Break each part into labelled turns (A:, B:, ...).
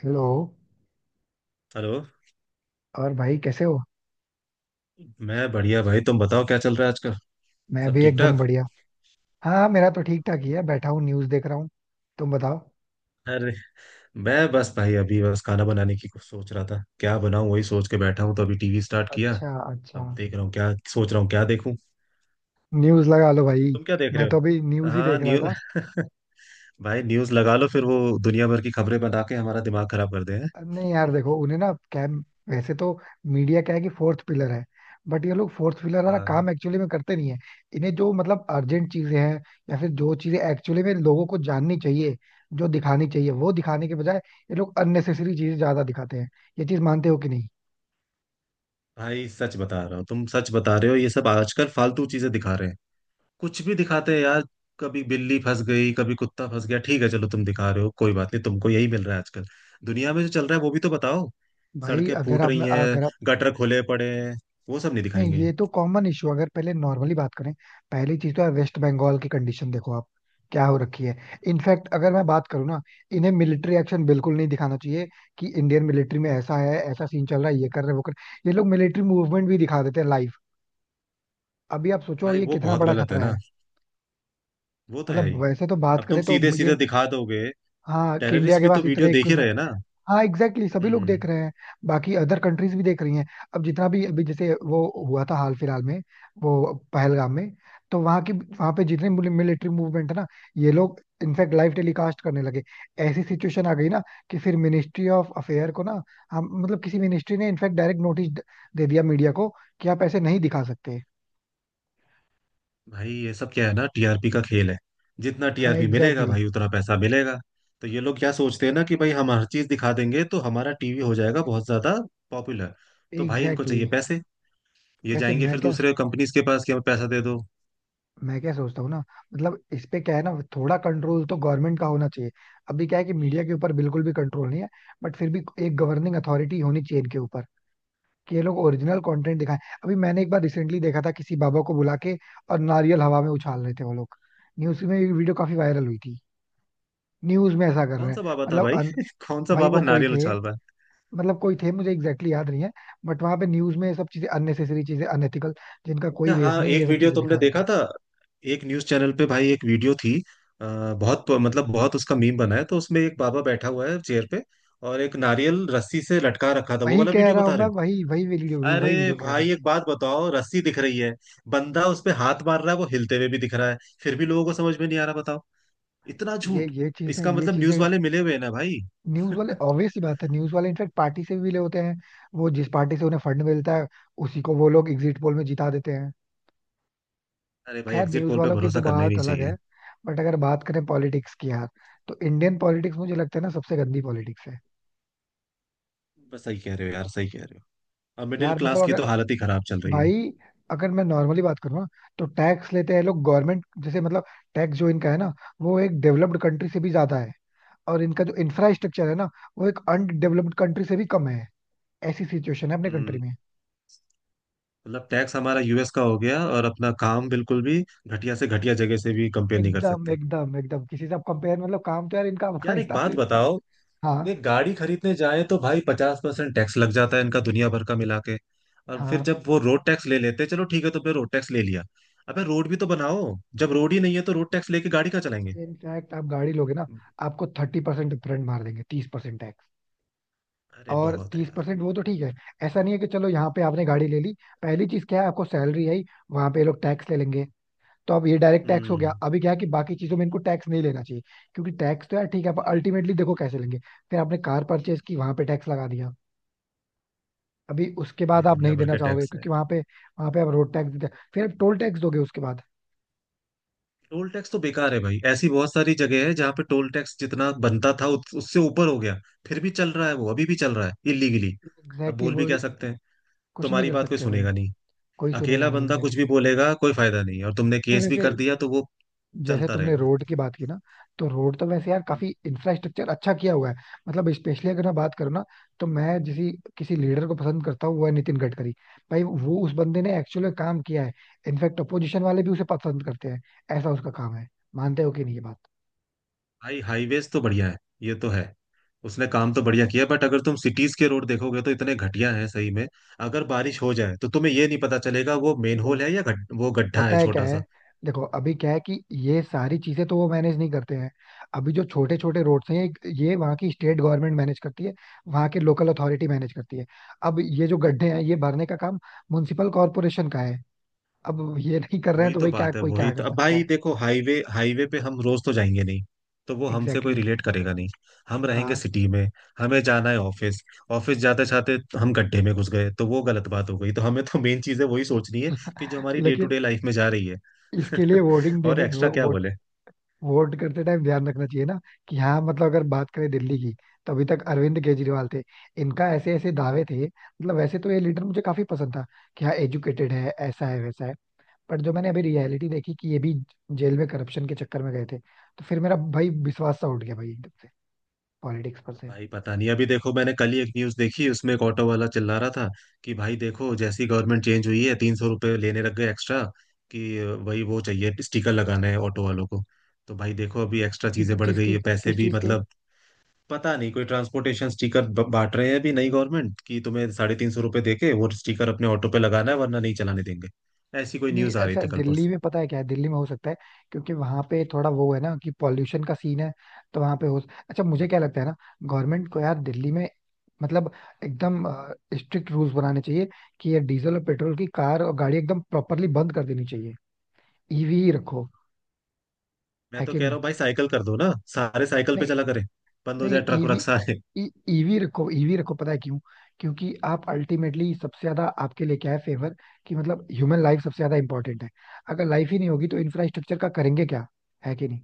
A: Hello.
B: Hello.
A: और भाई कैसे हो?
B: मैं बढ़िया भाई। तुम बताओ क्या चल रहा है आजकल।
A: मैं
B: सब
A: भी
B: ठीक
A: एकदम
B: ठाक?
A: बढ़िया। हाँ हाँ, मेरा तो ठीक ठाक ही है, बैठा हूँ न्यूज़ देख रहा हूँ। तुम बताओ।
B: अरे मैं बस भाई अभी बस खाना बनाने की कुछ सोच रहा था, क्या बनाऊं वही सोच के बैठा हूं, तो अभी टीवी स्टार्ट किया।
A: अच्छा अच्छा।
B: अब देख रहा हूँ क्या सोच रहा हूँ क्या देखूं।
A: न्यूज़ लगा लो भाई।
B: तुम क्या देख
A: मैं
B: रहे
A: तो अभी
B: हो?
A: न्यूज़ ही
B: हाँ
A: देख रहा
B: न्यू
A: था।
B: भाई न्यूज लगा लो, फिर वो दुनिया भर की खबरें बना के हमारा दिमाग खराब कर दे हैं।
A: नहीं यार, देखो उन्हें ना क्या, वैसे तो मीडिया क्या है कि फोर्थ पिलर है, बट ये लोग फोर्थ पिलर वाला
B: हाँ।
A: काम एक्चुअली में करते नहीं है। इन्हें जो मतलब अर्जेंट चीजें हैं, या फिर जो चीजें एक्चुअली में लोगों को जाननी चाहिए, जो दिखानी चाहिए वो दिखाने के बजाय ये लोग अननेसेसरी चीजें ज्यादा दिखाते हैं। ये चीज मानते हो कि नहीं?
B: भाई सच बता रहा हूँ, तुम सच बता रहे हो, ये सब आजकल फालतू चीजें दिखा रहे हैं। कुछ भी दिखाते हैं यार। कभी बिल्ली फंस गई, कभी कुत्ता फंस गया, ठीक है चलो तुम दिखा रहे हो कोई बात नहीं, तुमको यही मिल रहा है आजकल। दुनिया में जो चल रहा है वो भी तो बताओ।
A: भाई
B: सड़कें
A: अगर
B: फूट
A: आप
B: रही हैं,
A: अगर
B: गटर खुले पड़े हैं, वो सब नहीं
A: नहीं,
B: दिखाएंगे।
A: ये तो कॉमन इशू। अगर पहले नॉर्मली बात करें, पहली चीज तो है वेस्ट बंगाल की कंडीशन, देखो आप क्या हो रखी है। इनफैक्ट अगर मैं बात करूँ ना, इन्हें मिलिट्री एक्शन बिल्कुल नहीं दिखाना चाहिए, कि इंडियन मिलिट्री में ऐसा है, ऐसा सीन चल रहा है, ये कर रहे हैं, वो कर। ये लोग मिलिट्री मूवमेंट भी दिखा देते हैं लाइव। अभी आप सोचो
B: भाई
A: ये
B: वो
A: कितना
B: बहुत
A: बड़ा
B: गलत है
A: खतरा
B: ना,
A: है।
B: वो तो है
A: मतलब
B: ही।
A: वैसे तो बात
B: अब तुम
A: करें तो
B: सीधे सीधे
A: ये,
B: दिखा दोगे,
A: हाँ, कि इंडिया
B: टेररिस्ट
A: के
B: भी तो
A: पास
B: वीडियो
A: इतने
B: देख ही रहे
A: इक्विपमेंट।
B: हैं ना।
A: हाँ एग्जैक्टली सभी लोग देख
B: हम्म।
A: रहे हैं। बाकी अदर कंट्रीज भी देख रही हैं। अब जितना भी अभी जैसे वो हुआ था हाल फिलहाल में, वो पहलगाम में, तो वहाँ की वहाँ पे जितने मिलिट्री मूवमेंट है ना, ये लोग इनफैक्ट लाइव टेलीकास्ट करने लगे। ऐसी सिचुएशन आ गई ना, कि फिर मिनिस्ट्री ऑफ अफेयर को ना, हम मतलब किसी मिनिस्ट्री ने इनफैक्ट डायरेक्ट नोटिस दे दिया मीडिया को कि आप ऐसे नहीं दिखा सकते।
B: भाई ये सब क्या है ना, टीआरपी का खेल है। जितना टीआरपी
A: हाँ
B: मिलेगा
A: एग्जैक्टली
B: भाई, उतना पैसा मिलेगा। तो ये लोग क्या सोचते हैं ना कि भाई हम हर चीज दिखा देंगे तो हमारा टीवी हो जाएगा बहुत ज्यादा पॉपुलर।
A: exactly,
B: तो भाई इनको
A: एग्जैक्टली exactly.
B: चाहिए पैसे, ये
A: वैसे
B: जाएंगे
A: मैं
B: फिर
A: क्या
B: दूसरे कंपनीज के पास कि हमें पैसा दे दो।
A: मैं क्या सोचता हूँ ना, मतलब इस पे क्या है ना, थोड़ा कंट्रोल तो गवर्नमेंट का होना चाहिए। अभी क्या है कि मीडिया के ऊपर बिल्कुल भी कंट्रोल नहीं है, बट फिर भी एक गवर्निंग अथॉरिटी होनी चाहिए इनके ऊपर, कि ये लोग ओरिजिनल कंटेंट दिखाएं। अभी मैंने एक बार रिसेंटली देखा था, किसी बाबा को बुला के और नारियल हवा में उछाल रहे थे वो लोग। न्यूज में वीडियो काफी वायरल हुई थी। न्यूज में ऐसा कर रहे
B: कौन
A: हैं।
B: सा बाबा था
A: मतलब
B: भाई?
A: अन...
B: कौन सा
A: भाई
B: बाबा
A: वो कोई
B: नारियल
A: थे,
B: उछाल रहा है?
A: मतलब कोई थे, मुझे एग्जैक्टली याद नहीं है, बट वहां पे न्यूज में ये सब चीजें, अननेसेसरी चीजें, अनएथिकल जिनका कोई
B: अच्छा
A: बेस
B: हाँ,
A: नहीं है,
B: एक
A: ये सब
B: वीडियो
A: चीजें
B: तुमने
A: दिखा रहे
B: देखा
A: थे।
B: था, एक न्यूज चैनल पे भाई एक वीडियो थी। अ, बहुत मतलब बहुत उसका मीम बना है, तो उसमें एक बाबा बैठा हुआ है चेयर पे, और एक नारियल रस्सी से लटका रखा था, वो
A: वही
B: वाला
A: कह
B: वीडियो
A: रहा हूँ
B: बता
A: मैं,
B: रहे हो?
A: वही
B: अरे
A: वही वीडियो कह रहा हूँ
B: भाई
A: भाई।
B: एक बात बताओ, रस्सी दिख रही है, बंदा उस पे हाथ मार रहा है, वो हिलते हुए भी दिख रहा है, फिर भी लोगों को समझ में नहीं आ रहा, बताओ। इतना
A: ये
B: झूठ।
A: ये चीजें
B: इसका
A: ये
B: मतलब
A: चीजें
B: न्यूज वाले मिले हुए हैं ना भाई।
A: न्यूज वाले, ऑब्वियस सी बात है न्यूज वाले इनफैक्ट पार्टी से भी मिले होते हैं। वो जिस पार्टी से उन्हें फंड मिलता है, उसी को वो लोग एग्जिट पोल में जिता देते हैं।
B: अरे भाई
A: खैर
B: एग्जिट
A: न्यूज
B: पोल पे
A: वालों की तो
B: भरोसा करना ही
A: बात
B: नहीं
A: अलग है,
B: चाहिए।
A: बट अगर बात करें पॉलिटिक्स की यार, तो इंडियन पॉलिटिक्स मुझे लगता है ना सबसे गंदी पॉलिटिक्स है।
B: बस सही कह रहे हो यार, सही कह रहे हो। अब मिडिल
A: यार मतलब
B: क्लास की
A: अगर,
B: तो हालत ही खराब चल रही है।
A: भाई अगर मैं नॉर्मली बात करूँ ना, तो टैक्स लेते हैं लोग गवर्नमेंट, जैसे मतलब टैक्स जो इनका है ना, वो एक डेवलप्ड कंट्री से भी ज्यादा है, और इनका जो इंफ्रास्ट्रक्चर है ना, वो एक अनडेवलप्ड कंट्री से भी कम है। ऐसी सिचुएशन है अपने कंट्री
B: हम्म।
A: में।
B: मतलब टैक्स हमारा यूएस का हो गया, और अपना काम बिल्कुल भी घटिया से घटिया जगह से भी कंपेयर नहीं कर
A: एकदम
B: सकते।
A: एकदम एकदम किसी से आप कंपेयर, मतलब काम तो यार इनका
B: यार एक
A: अफगानिस्तान से
B: बात
A: भी बेकार।
B: बताओ,
A: हाँ
B: ये गाड़ी खरीदने जाए तो भाई 50% टैक्स लग जाता है, इनका दुनिया भर का मिला के। और फिर
A: हाँ।
B: जब वो रोड टैक्स ले लेते हैं, चलो ठीक है, तो फिर रोड टैक्स ले लिया। अबे रोड भी तो बनाओ। जब रोड ही नहीं है तो रोड टैक्स लेके गाड़ी का चलाएंगे?
A: इनफैक्ट आप गाड़ी लोगे ना, आपको 30% डिफरेंट मार देंगे, 30% टैक्स।
B: अरे
A: और
B: बहुत है
A: तीस
B: यार।
A: परसेंट वो तो ठीक है, ऐसा नहीं है। कि चलो यहाँ पे आपने गाड़ी ले ली, पहली चीज क्या है, आपको सैलरी आई, वहां पे ये लोग टैक्स ले लेंगे। तो अब ये डायरेक्ट टैक्स हो गया।
B: हम्म।
A: अभी क्या है कि बाकी चीजों में इनको टैक्स नहीं लेना चाहिए, क्योंकि टैक्स तो यार ठीक है, पर अल्टीमेटली देखो कैसे लेंगे। फिर आपने कार परचेज की, वहां पे टैक्स लगा दिया। अभी उसके
B: भाई
A: बाद आप
B: दुनिया
A: नहीं
B: भर
A: देना
B: के
A: चाहोगे,
B: टैक्स है।
A: क्योंकि वहां पे आप रोड टैक्स देते हैं, फिर आप टोल टैक्स दोगे उसके बाद।
B: टोल टैक्स तो बेकार है भाई, ऐसी बहुत सारी जगह है जहाँ पे टोल टैक्स जितना बनता था उससे ऊपर हो गया। फिर भी चल रहा है, वो अभी भी चल रहा है इलीगली। अब
A: एग्जैक्टली
B: बोल भी
A: वो,
B: क्या सकते हैं।
A: कुछ नहीं
B: तुम्हारी
A: कर
B: बात कोई
A: सकते भाई।
B: सुनेगा नहीं।
A: कोई सुनेगा
B: अकेला
A: नहीं।
B: बंदा कुछ
A: एग्जैक्टली
B: भी बोलेगा कोई फायदा नहीं, और तुमने
A: exactly. नहीं
B: केस भी
A: वैसे,
B: कर दिया तो वो
A: जैसे
B: चलता
A: तुमने
B: रहेगा।
A: रोड की बात की ना, तो रोड तो वैसे यार काफी इंफ्रास्ट्रक्चर अच्छा किया हुआ है। मतलब स्पेशली अगर मैं बात करूँ ना, तो मैं जिसी किसी लीडर को पसंद करता हूँ, वो है नितिन गडकरी। भाई वो, उस बंदे ने एक्चुअली काम किया है। इनफैक्ट अपोजिशन वाले भी उसे पसंद करते हैं, ऐसा उसका काम है। मानते हो कि नहीं ये बात?
B: भाई हाईवेज तो बढ़िया है, ये तो है। उसने काम तो बढ़िया किया, बट अगर तुम सिटीज के रोड देखोगे तो इतने घटिया हैं सही में। अगर बारिश हो जाए तो तुम्हें ये नहीं पता चलेगा वो मेन होल है या वो गड्ढा
A: होता
B: है
A: है क्या
B: छोटा
A: है,
B: सा।
A: देखो अभी क्या है कि ये सारी चीजें तो वो मैनेज नहीं करते हैं। अभी जो छोटे छोटे रोड्स हैं, ये वहाँ की स्टेट गवर्नमेंट मैनेज करती है, वहाँ के लोकल अथॉरिटी मैनेज करती है। अब ये जो गड्ढे हैं, ये भरने का काम म्युनिसिपल कॉरपोरेशन का है। अब ये नहीं कर रहे हैं,
B: वही
A: तो
B: तो
A: भाई क्या
B: बात है,
A: कोई
B: वही
A: क्या
B: तो।
A: कर
B: अब
A: सकता
B: भाई
A: है?
B: देखो हाईवे हाईवे पे हम रोज तो जाएंगे नहीं, तो वो हमसे
A: एग्जैक्टली
B: कोई
A: exactly.
B: रिलेट करेगा नहीं। हम रहेंगे
A: हाँ।
B: सिटी में, हमें जाना है ऑफिस। ऑफिस जाते जाते हम गड्ढे में घुस गए तो वो गलत बात हो गई, तो हमें तो मेन चीज है वही सोचनी है, कि जो हमारी डे टू
A: लेकिन
B: डे लाइफ में जा रही है।
A: इसके लिए
B: और एक्स्ट्रा क्या बोले।
A: वोट करते टाइम ध्यान रखना चाहिए ना, कि हाँ मतलब अगर बात करें दिल्ली की, तो अभी तक अरविंद केजरीवाल थे। इनका ऐसे ऐसे दावे थे, मतलब वैसे तो ये लीडर मुझे काफी पसंद था, कि हाँ एजुकेटेड है, ऐसा है, वैसा है। पर जो मैंने अभी रियलिटी देखी, कि ये भी जेल में करप्शन के चक्कर में गए थे, तो फिर मेरा भाई विश्वास सा उठ गया, भाई एकदम से पॉलिटिक्स पर से।
B: भाई पता नहीं, अभी देखो मैंने कल ही एक न्यूज देखी, उसमें एक ऑटो वाला चिल्ला रहा था कि भाई देखो जैसी गवर्नमेंट चेंज हुई है, 300 रुपये लेने लग गए एक्स्ट्रा। कि वही वो चाहिए स्टिकर लगाना है ऑटो वालों को। तो भाई देखो अभी एक्स्ट्रा
A: किस
B: चीजें बढ़
A: चीज
B: गई
A: की
B: है, पैसे
A: किस
B: भी
A: चीज के,
B: मतलब। पता नहीं कोई ट्रांसपोर्टेशन स्टिकर बांट रहे हैं अभी नई गवर्नमेंट, कि तुम्हें 350 रुपये देके वो स्टिकर अपने ऑटो पे लगाना है, वरना नहीं चलाने देंगे। ऐसी कोई
A: नहीं
B: न्यूज आ रही
A: ऐसा
B: थी कल
A: दिल्ली
B: परसों।
A: में, पता है क्या है, दिल्ली में हो सकता है क्योंकि वहां पे थोड़ा वो है ना कि पॉल्यूशन का सीन है, तो वहां पे हो। अच्छा मुझे क्या लगता है ना, गवर्नमेंट को यार दिल्ली में मतलब एकदम स्ट्रिक्ट रूल्स बनाने चाहिए, कि ये डीजल और पेट्रोल की कार और गाड़ी एकदम प्रॉपरली बंद कर देनी चाहिए, ईवी ही रखो।
B: मैं
A: है
B: तो
A: कि
B: कह रहा
A: नहीं?
B: हूँ भाई साइकिल कर दो ना, सारे साइकिल पे
A: नहीं
B: चला करें। बंद हो
A: नहीं।
B: जाए ट्रक व्रक
A: ईवी,
B: सारे।
A: ईवी रखो, पता है क्यों? क्योंकि आप अल्टीमेटली, सबसे ज्यादा आपके लिए क्या है फेवर, कि मतलब ह्यूमन लाइफ सबसे ज्यादा इंपॉर्टेंट है। अगर लाइफ ही नहीं होगी तो इंफ्रास्ट्रक्चर का करेंगे क्या? है कि नहीं?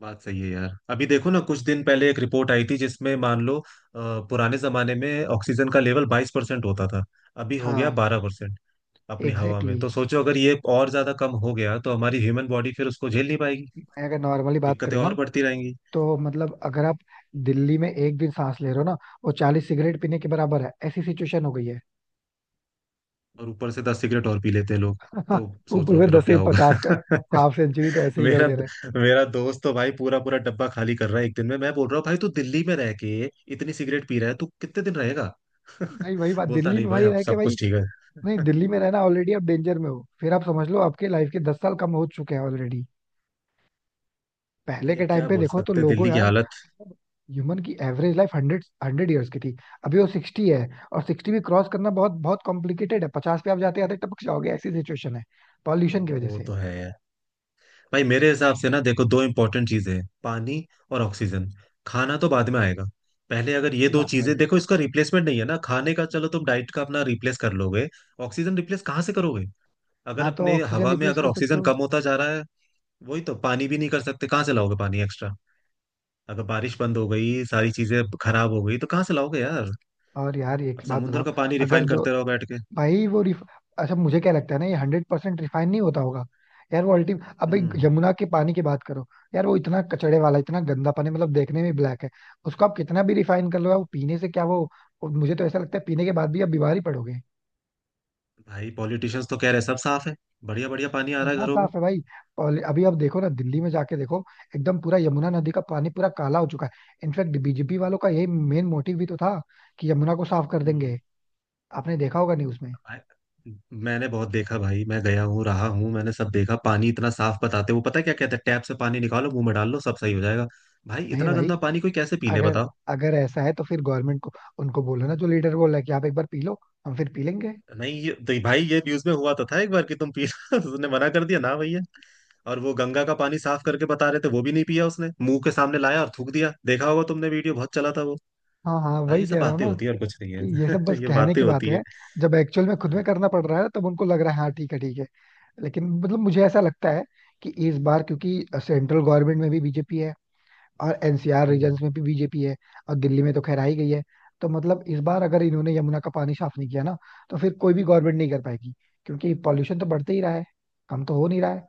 B: बात सही है यार। अभी देखो ना कुछ दिन पहले एक रिपोर्ट आई थी जिसमें मान लो पुराने जमाने में ऑक्सीजन का लेवल 22% होता था, अभी हो
A: हाँ
B: गया 12%। अपनी हवा में,
A: एग्जैक्टली
B: तो सोचो अगर ये और ज्यादा कम हो गया तो हमारी ह्यूमन बॉडी फिर उसको झेल नहीं पाएगी।
A: exactly. अगर नॉर्मली बात
B: दिक्कतें
A: करें ना,
B: और बढ़ती रहेंगी।
A: तो मतलब अगर आप दिल्ली में एक दिन सांस ले रहे हो ना, वो 40 सिगरेट पीने के बराबर है, ऐसी सिचुएशन हो गई है।
B: और ऊपर से 10 सिगरेट और पी लेते हैं लोग, तो सोच
A: ऊपर
B: लो
A: से
B: फिर
A: दस
B: अब
A: से
B: क्या होगा।
A: पचास कर, हाफ सेंचुरी तो ऐसे ही कर
B: मेरा
A: दे रहे हैं।
B: मेरा दोस्त तो भाई पूरा पूरा डब्बा खाली कर रहा है एक दिन में। मैं बोल रहा हूँ भाई तू दिल्ली में रह के इतनी सिगरेट पी रहा है, तू कितने दिन रहेगा।
A: भाई वही बात,
B: बोलता
A: दिल्ली
B: नहीं
A: में
B: भाई,
A: भाई
B: अब
A: रह के
B: सब
A: भाई,
B: कुछ ठीक
A: नहीं
B: है।
A: दिल्ली में रहना, ऑलरेडी आप डेंजर में हो। फिर आप समझ लो, आपके लाइफ के 10 साल कम हो चुके हैं ऑलरेडी। पहले
B: ये अब
A: के टाइम
B: क्या
A: पे
B: बोल
A: देखो तो
B: सकते हैं,
A: लोगों
B: दिल्ली की
A: यार,
B: हालत।
A: ह्यूमन की average life hundred hundred years की थी, अभी वो 60 है, और 60 भी क्रॉस करना बहुत बहुत कॉम्प्लिकेटेड है। 50 पे आप जाते जाते टपक जाओगे, ऐसी सिचुएशन है पॉल्यूशन की वजह
B: वो
A: से।
B: तो है। भाई मेरे हिसाब से ना देखो दो इंपॉर्टेंट चीजें हैं, पानी और ऑक्सीजन। खाना तो बाद में आएगा, पहले अगर ये
A: सही
B: दो
A: बात है
B: चीजें
A: भाई,
B: देखो, इसका रिप्लेसमेंट नहीं है ना। खाने का चलो तुम डाइट का अपना रिप्लेस कर लोगे, ऑक्सीजन रिप्लेस कहाँ से करोगे? अगर
A: ना तो
B: अपने
A: ऑक्सीजन
B: हवा में
A: रिप्लेस
B: अगर
A: कर सकते
B: ऑक्सीजन
A: हो।
B: कम होता जा रहा है। वही तो, पानी भी नहीं कर सकते, कहाँ से लाओगे पानी एक्स्ट्रा। अगर बारिश बंद हो गई, सारी चीजें खराब हो गई, तो कहाँ से लाओगे यार।
A: और यार एक
B: अब
A: बात
B: समुद्र
A: बताओ,
B: का पानी
A: अगर
B: रिफाइन
A: जो
B: करते रहो बैठ के।
A: भाई वो रिफ... अच्छा मुझे क्या लगता है ना, ये 100% रिफाइन नहीं होता होगा यार। वो अल्टीम अब भाई
B: हम्म।
A: यमुना के पानी की बात करो यार, वो इतना कचड़े वाला, इतना गंदा पानी, मतलब देखने में ब्लैक है। उसको आप कितना भी रिफाइन कर लो यार, वो पीने से क्या वो मुझे तो ऐसा लगता है पीने के बाद भी आप बीमार ही पड़ोगे।
B: भाई पॉलिटिशियंस तो कह रहे हैं सब साफ है, बढ़िया बढ़िया पानी आ रहा है
A: इतना
B: घरों में।
A: साफ है भाई, अभी आप देखो ना, दिल्ली में जाके देखो, एकदम पूरा यमुना नदी का पानी पूरा काला हो चुका है। इनफैक्ट बीजेपी वालों का यही मेन मोटिव भी तो था, कि यमुना को साफ कर
B: हम्म।
A: देंगे। आपने देखा होगा न्यूज में।
B: भाई, मैंने बहुत देखा भाई, मैं गया हूँ रहा हूँ, मैंने सब देखा। पानी इतना साफ बताते, वो पता है क्या कहते हैं, टैप से पानी निकालो मुंह में डाल लो सब सही हो जाएगा। भाई
A: नहीं
B: इतना
A: भाई,
B: गंदा पानी कोई कैसे पी ले
A: अगर
B: बताओ।
A: अगर ऐसा है तो फिर गवर्नमेंट को, उनको बोलो ना, जो लीडर बोल रहा है कि आप एक बार पी लो, हम फिर पी लेंगे।
B: नहीं ये तो भाई ये न्यूज में हुआ तो था एक बार, कि तुम पी उसने मना कर दिया ना भैया। और वो गंगा का पानी साफ करके बता रहे थे, वो भी नहीं पिया उसने, मुंह के सामने लाया और थूक दिया, देखा होगा तुमने, वीडियो बहुत चला था वो।
A: हाँ हाँ,
B: भाई
A: वही
B: ये सब
A: कह रहा हूँ
B: बातें
A: ना,
B: होती है और कुछ नहीं
A: कि ये सब बस
B: है। ये
A: कहने
B: बातें
A: की
B: होती
A: बातें
B: है।
A: हैं, जब एक्चुअल में खुद में
B: हाँ।
A: करना पड़ रहा है तब उनको लग रहा है हाँ ठीक है ठीक है। लेकिन मतलब मुझे ऐसा लगता है कि इस बार क्योंकि सेंट्रल गवर्नमेंट में भी बीजेपी है, और एनसीआर
B: हम्म।
A: रीजन्स में भी बीजेपी है, और दिल्ली में तो खैर आई गई है, तो मतलब इस बार अगर इन्होंने यमुना का पानी साफ नहीं किया ना, तो फिर कोई भी गवर्नमेंट नहीं कर पाएगी, क्योंकि पॉल्यूशन तो बढ़ते ही रहा है, कम तो हो नहीं रहा है।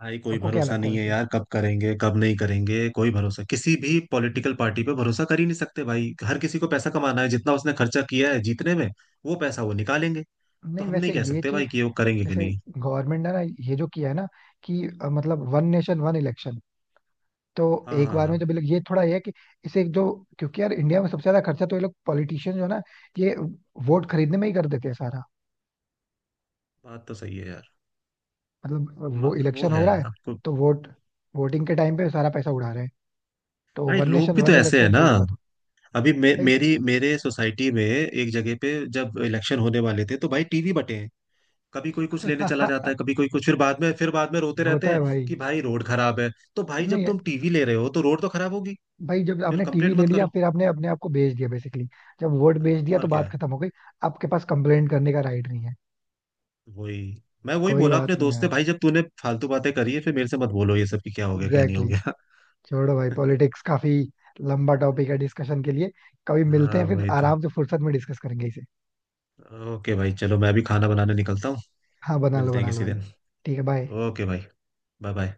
B: भाई कोई
A: आपको क्या
B: भरोसा
A: लगता है
B: नहीं है
A: वैसे?
B: यार, कब करेंगे कब नहीं करेंगे कोई भरोसा, किसी भी पॉलिटिकल पार्टी पे भरोसा कर ही नहीं सकते भाई। हर किसी को पैसा कमाना है, जितना उसने खर्चा किया है जीतने में वो पैसा वो निकालेंगे। तो
A: नहीं
B: हम
A: वैसे
B: नहीं कह
A: ये
B: सकते
A: चीज,
B: भाई कि वो करेंगे कि
A: जैसे
B: नहीं।
A: गवर्नमेंट ने ना, ये जो किया है ना कि मतलब वन नेशन वन इलेक्शन, तो
B: हाँ
A: एक
B: हाँ
A: बार
B: हाँ।
A: में जब ये थोड़ा ये है, कि इसे जो, क्योंकि यार इंडिया में सबसे ज्यादा खर्चा तो ये लोग पॉलिटिशियन जो है ना, ये वोट खरीदने में ही कर देते हैं सारा।
B: बात तो सही है यार।
A: मतलब वो
B: वो
A: इलेक्शन हो
B: है
A: रहा है,
B: आपको।
A: तो वोटिंग के टाइम पे सारा पैसा उड़ा रहे हैं। तो
B: भाई
A: वन
B: लोग
A: नेशन
B: भी तो
A: वन
B: ऐसे है
A: इलेक्शन
B: ना।
A: सही होगा तो।
B: अभी मे,
A: भाई
B: मेरी मेरे सोसाइटी में एक जगह पे जब इलेक्शन होने वाले थे, तो भाई टीवी बटे। कभी कोई कुछ लेने चला जाता है कभी कोई कुछ, फिर बाद में रोते
A: होता
B: रहते
A: है
B: हैं
A: भाई।
B: कि भाई रोड खराब है। तो भाई जब
A: नहीं
B: तुम टीवी ले रहे हो तो रोड तो खराब होगी,
A: भाई, जब
B: फिर
A: आपने
B: कंप्लेंट
A: टीवी ले
B: मत
A: लिया,
B: करो।
A: फिर आपने अपने आप को बेच दिया बेसिकली। जब वोट बेच दिया तो
B: और
A: बात
B: क्या।
A: खत्म हो गई, आपके पास कंप्लेंट करने का राइट नहीं है।
B: वही, मैं वही
A: कोई
B: बोला अपने
A: बात नहीं
B: दोस्त से,
A: यार।
B: भाई जब तूने फालतू बातें करी है फिर मेरे से मत बोलो ये सब कि क्या हो गया क्या नहीं
A: एग्जैक्टली
B: हो गया।
A: exactly. छोड़ो भाई, पॉलिटिक्स काफी लंबा टॉपिक है डिस्कशन के लिए। कभी मिलते
B: हाँ
A: हैं फिर
B: वही तो।
A: आराम से, फुर्सत में डिस्कस करेंगे इसे।
B: ओके भाई चलो मैं भी खाना बनाने निकलता हूँ।
A: हाँ
B: मिलते हैं
A: बना लो
B: किसी
A: भाई।
B: दिन।
A: ठीक है, बाय।
B: ओके भाई, बाय बाय।